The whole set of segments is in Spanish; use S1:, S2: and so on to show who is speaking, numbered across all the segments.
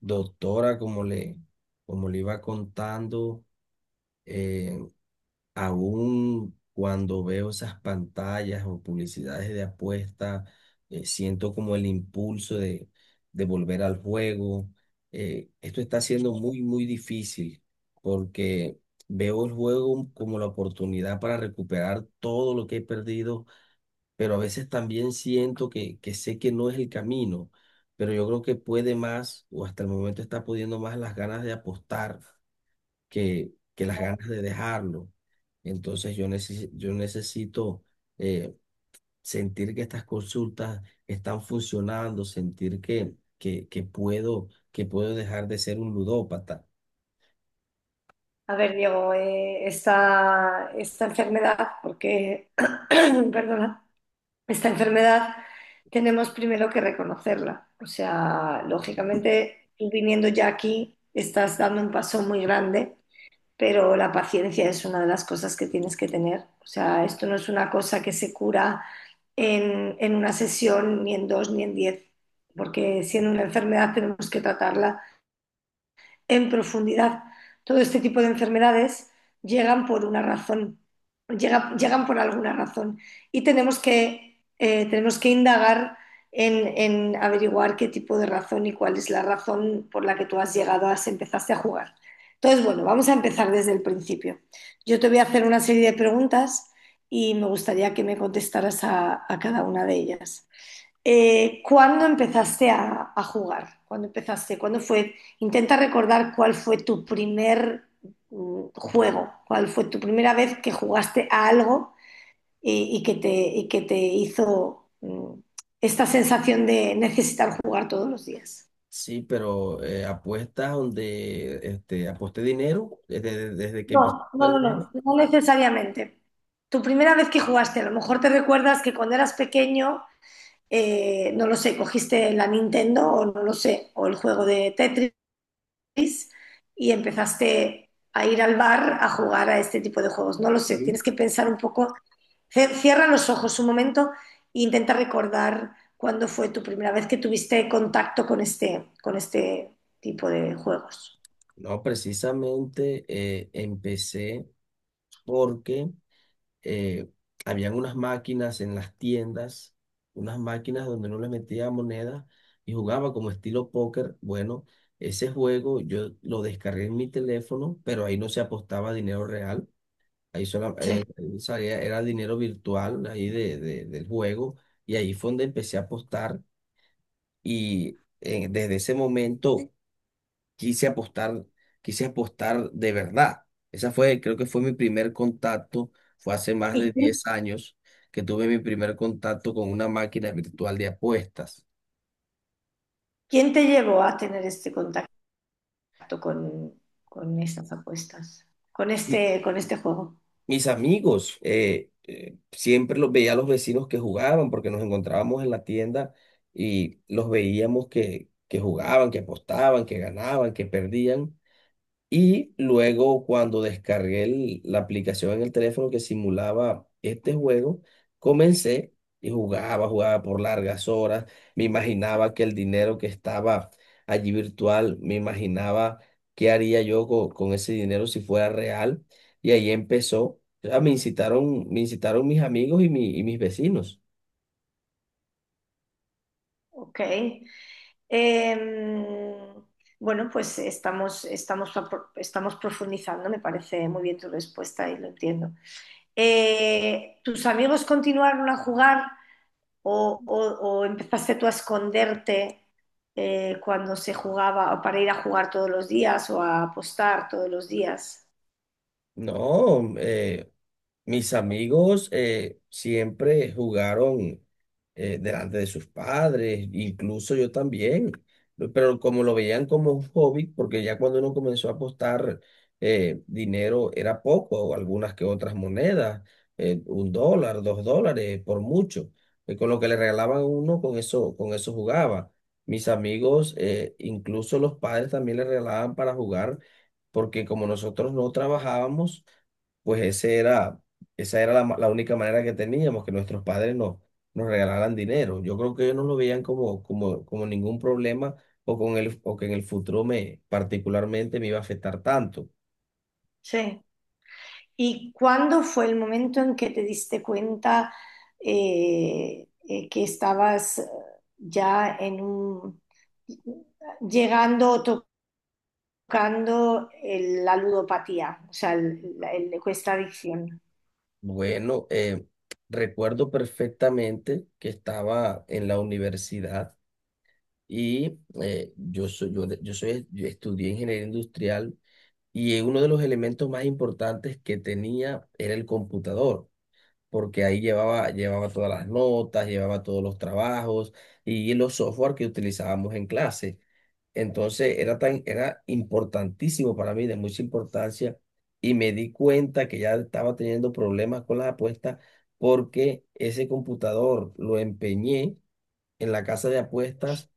S1: Doctora, como le iba contando, eh, aún cuando veo esas pantallas o publicidades de apuesta, siento como el impulso de volver al juego. Esto está siendo muy difícil porque veo el juego como la oportunidad para recuperar todo lo que he perdido, pero a veces también siento que sé que no es el camino, pero yo creo que puede más, o hasta el momento está pudiendo más las ganas de apostar que las ganas de dejarlo. Entonces yo necesito, eh, sentir que estas consultas están funcionando, sentir que puedo dejar de ser un ludópata.
S2: A ver, Diego, esta enfermedad, porque, perdona, esta enfermedad tenemos primero que reconocerla. O sea, lógicamente, tú viniendo ya aquí, estás dando un paso muy grande, pero la paciencia es una de las cosas que tienes que tener. O sea, esto no es una cosa que se cura en una sesión, ni en dos, ni en 10, porque siendo una enfermedad tenemos que tratarla en profundidad. Todo este tipo de enfermedades llegan por una razón, llegan por alguna razón y tenemos que tenemos que indagar en averiguar qué tipo de razón y cuál es la razón por la que tú has llegado a, empezaste a jugar. Entonces, bueno, vamos a empezar desde el principio. Yo te voy a hacer una serie de preguntas y me gustaría que me contestaras a cada una de ellas. ¿Cuándo empezaste a jugar? ¿Cuándo empezaste? ¿Cuándo fue? Intenta recordar cuál fue tu primer juego, cuál fue tu primera vez que jugaste a algo y que y que te hizo esta sensación de necesitar jugar todos los días.
S1: Sí, pero apuestas donde este, aposté dinero desde que empecé
S2: No,
S1: a
S2: no, no,
S1: ganar dinero.
S2: no, no necesariamente. Tu primera vez que jugaste, a lo mejor te recuerdas que cuando eras pequeño, no lo sé, cogiste la Nintendo o no lo sé, o el juego de Tetris y empezaste a ir al bar a jugar a este tipo de juegos. No lo sé,
S1: Sí.
S2: tienes que pensar un poco. Cierra los ojos un momento e intenta recordar cuándo fue tu primera vez que tuviste contacto con este tipo de juegos.
S1: No, precisamente empecé porque eh, habían unas máquinas en las tiendas, unas máquinas donde no le metía monedas y jugaba como estilo póker. Bueno, ese juego yo lo descargué en mi teléfono, pero ahí no se apostaba dinero real. Ahí solo,
S2: Sí.
S1: salía era dinero virtual ahí del juego, y ahí fue donde empecé a apostar y desde ese momento quise apostar, quise apostar de verdad. Esa fue, creo que fue mi primer contacto, fue hace más
S2: ¿Y
S1: de
S2: quién,
S1: 10 años que tuve mi primer contacto con una máquina virtual de apuestas.
S2: quién te llevó a tener este contacto con, con estas apuestas,
S1: Y
S2: con este juego?
S1: mis amigos, siempre los veía a los vecinos que jugaban, porque nos encontrábamos en la tienda y los veíamos que jugaban, que apostaban, que ganaban, que perdían. Y luego cuando descargué la aplicación en el teléfono que simulaba este juego, comencé y jugaba, jugaba por largas horas. Me imaginaba que el dinero que estaba allí virtual, me imaginaba qué haría yo con ese dinero si fuera real. Y ahí empezó. O sea, me incitaron mis amigos y mis vecinos.
S2: Ok. Em, bueno, pues estamos profundizando, me parece muy bien tu respuesta y lo entiendo. ¿Tus amigos continuaron a jugar o empezaste tú a esconderte cuando se jugaba o para ir a jugar todos los días o a apostar todos los días?
S1: No, mis amigos, siempre jugaron, delante de sus padres, incluso yo también, pero como lo veían como un hobby, porque ya cuando uno comenzó a apostar, dinero era poco, o algunas que otras monedas, un dólar, dos dólares, por mucho, con lo que le regalaban a uno, con eso jugaba. Mis amigos, incluso los padres también le regalaban para jugar, porque como nosotros no trabajábamos, pues ese era esa era la única manera que teníamos, que nuestros padres nos regalaran dinero. Yo creo que ellos no lo veían como, como ningún problema o, con el, o que en el futuro me particularmente me iba a afectar tanto.
S2: Sí. ¿Y cuándo fue el momento en que te diste cuenta que estabas ya en un, llegando o tocando la ludopatía, o sea, questa adicción?
S1: Bueno, recuerdo perfectamente que estaba en la universidad y yo soy, yo estudié ingeniería industrial y uno de los elementos más importantes que tenía era el computador, porque ahí llevaba, llevaba todas las notas, llevaba todos los trabajos y los software que utilizábamos en clase. Entonces era era importantísimo para mí, de mucha importancia, y me di cuenta que ya estaba teniendo problemas con las apuestas porque ese computador lo empeñé en la casa de apuestas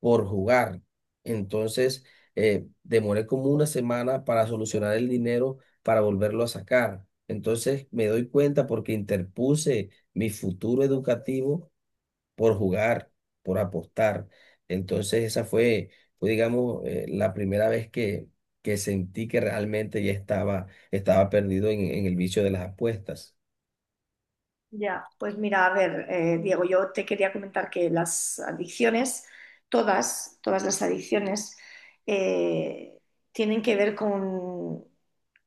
S1: por jugar. Entonces, demoré como una semana para solucionar el dinero para volverlo a sacar. Entonces, me doy cuenta porque interpuse mi futuro educativo por jugar, por apostar. Entonces, esa fue, fue, digamos, la primera vez que sentí que realmente ya estaba, estaba perdido en el vicio de las apuestas.
S2: Ya, pues mira, a ver, Diego, yo te quería comentar que las adicciones, todas, todas las adicciones, eh, tienen que ver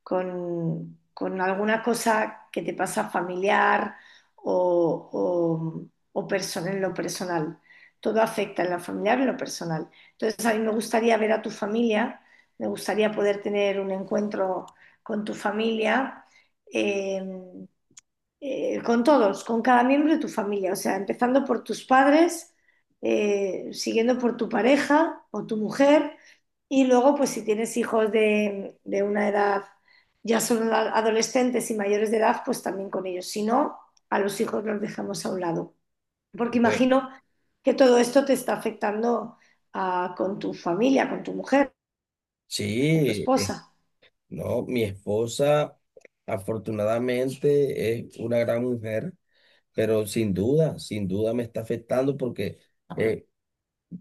S2: con alguna cosa que te pasa familiar o, o en lo personal. Todo afecta en lo familiar y en lo personal. Entonces, a mí me gustaría ver a tu familia, me gustaría poder tener un encuentro con tu familia. em, con todos, con cada miembro de tu familia, o sea, empezando por tus padres, siguiendo por tu pareja o tu mujer, y luego, pues si tienes hijos de una edad, ya son adolescentes y mayores de edad, pues también con ellos. Si no, a los hijos los dejamos a un lado, porque
S1: Ve-
S2: imagino que todo esto te está afectando ah, con tu familia, con tu mujer, con tu
S1: Sí,
S2: esposa.
S1: no, mi esposa afortunadamente es una gran mujer. Pero sin duda, sin duda me está afectando porque eh,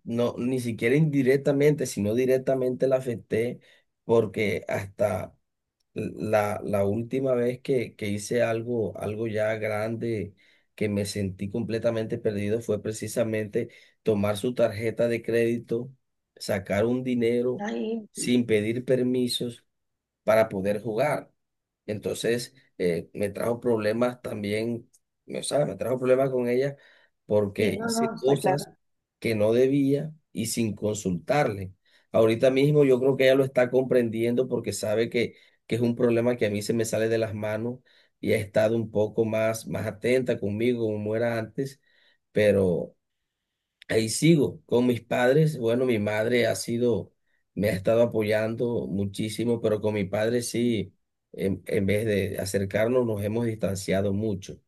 S1: no, ni siquiera indirectamente, sino directamente la afecté, porque hasta la última vez que hice algo, algo ya grande, que me sentí completamente perdido, fue precisamente tomar su tarjeta de crédito, sacar un dinero
S2: Ahí,
S1: sin pedir permisos para poder jugar. Entonces, me trajo problemas también, o sea, me trajo problemas con ella
S2: sí,
S1: porque
S2: no,
S1: hice
S2: no, está claro.
S1: cosas que no debía y sin consultarle. Ahorita mismo yo creo que ella lo está comprendiendo porque sabe que es un problema que a mí se me sale de las manos y ha estado un poco más, más atenta conmigo como era antes, pero... ahí sigo con mis padres. Bueno, mi madre ha sido, me ha estado apoyando muchísimo, pero con mi padre sí, en vez de acercarnos, nos hemos distanciado mucho.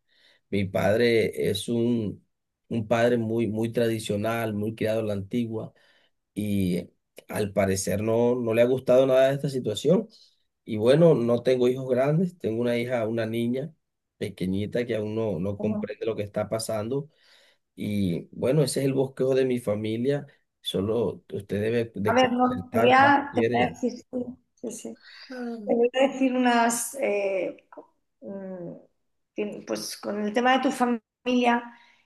S1: Mi padre es un padre muy, muy tradicional, muy criado a la antigua, y al parecer no, no le ha gustado nada esta situación. Y bueno, no tengo hijos grandes, tengo una hija, una niña pequeñita que aún no, no
S2: No, no.
S1: comprende lo que está pasando, y bueno, ese es el bosquejo de mi familia. Solo usted debe
S2: A
S1: de
S2: ver, no,
S1: concertar cuando
S2: te voy a
S1: quiere.
S2: decir, sí, sí, sí. Te
S1: Ah.
S2: voy a decir unas, mm, pues con el tema de tu familia,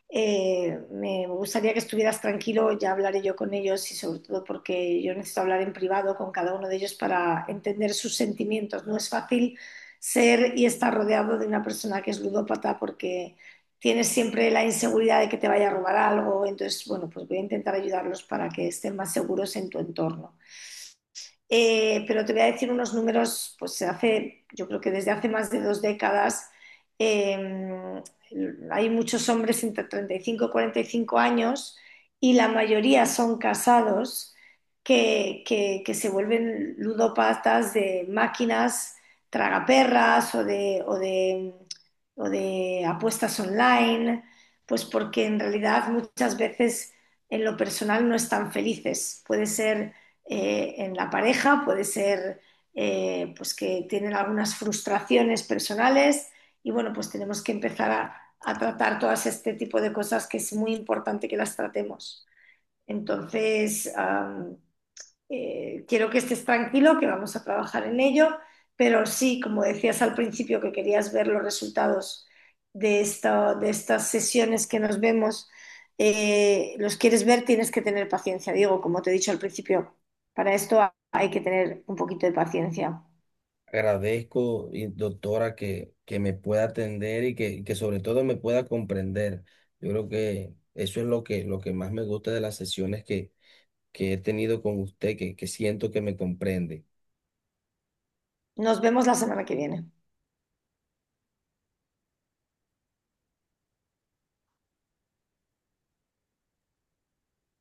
S2: me gustaría que estuvieras tranquilo, ya hablaré yo con ellos y sobre todo porque yo necesito hablar en privado con cada uno de ellos para entender sus sentimientos. No es fácil ser y estar rodeado de una persona que es ludópata porque tienes siempre la inseguridad de que te vaya a robar algo, entonces, bueno, pues voy a intentar ayudarlos para que estén más seguros en tu entorno. Pero te voy a decir unos números, pues hace, yo creo que desde hace más de 2 décadas eh, hay muchos hombres entre 35 y 45 años y la mayoría son casados que se vuelven ludopatas de máquinas tragaperras o de apuestas online, pues porque en realidad muchas veces en lo personal no están felices. Puede ser en la pareja, puede ser pues que tienen algunas frustraciones personales y bueno, pues tenemos que empezar a tratar todas este tipo de cosas que es muy importante que las tratemos. Entonces, quiero que estés tranquilo, que vamos a trabajar en ello, pero sí, como decías al principio, que querías ver los resultados de, de estas sesiones que nos vemos, los quieres ver, tienes que tener paciencia, Diego, como te he dicho al principio, para esto hay que tener un poquito de paciencia.
S1: Agradezco, y doctora, que me pueda atender y que sobre todo me pueda comprender. Yo creo que eso es lo lo que más me gusta de las sesiones que he tenido con usted, que siento que me comprende.
S2: Nos vemos la semana que viene.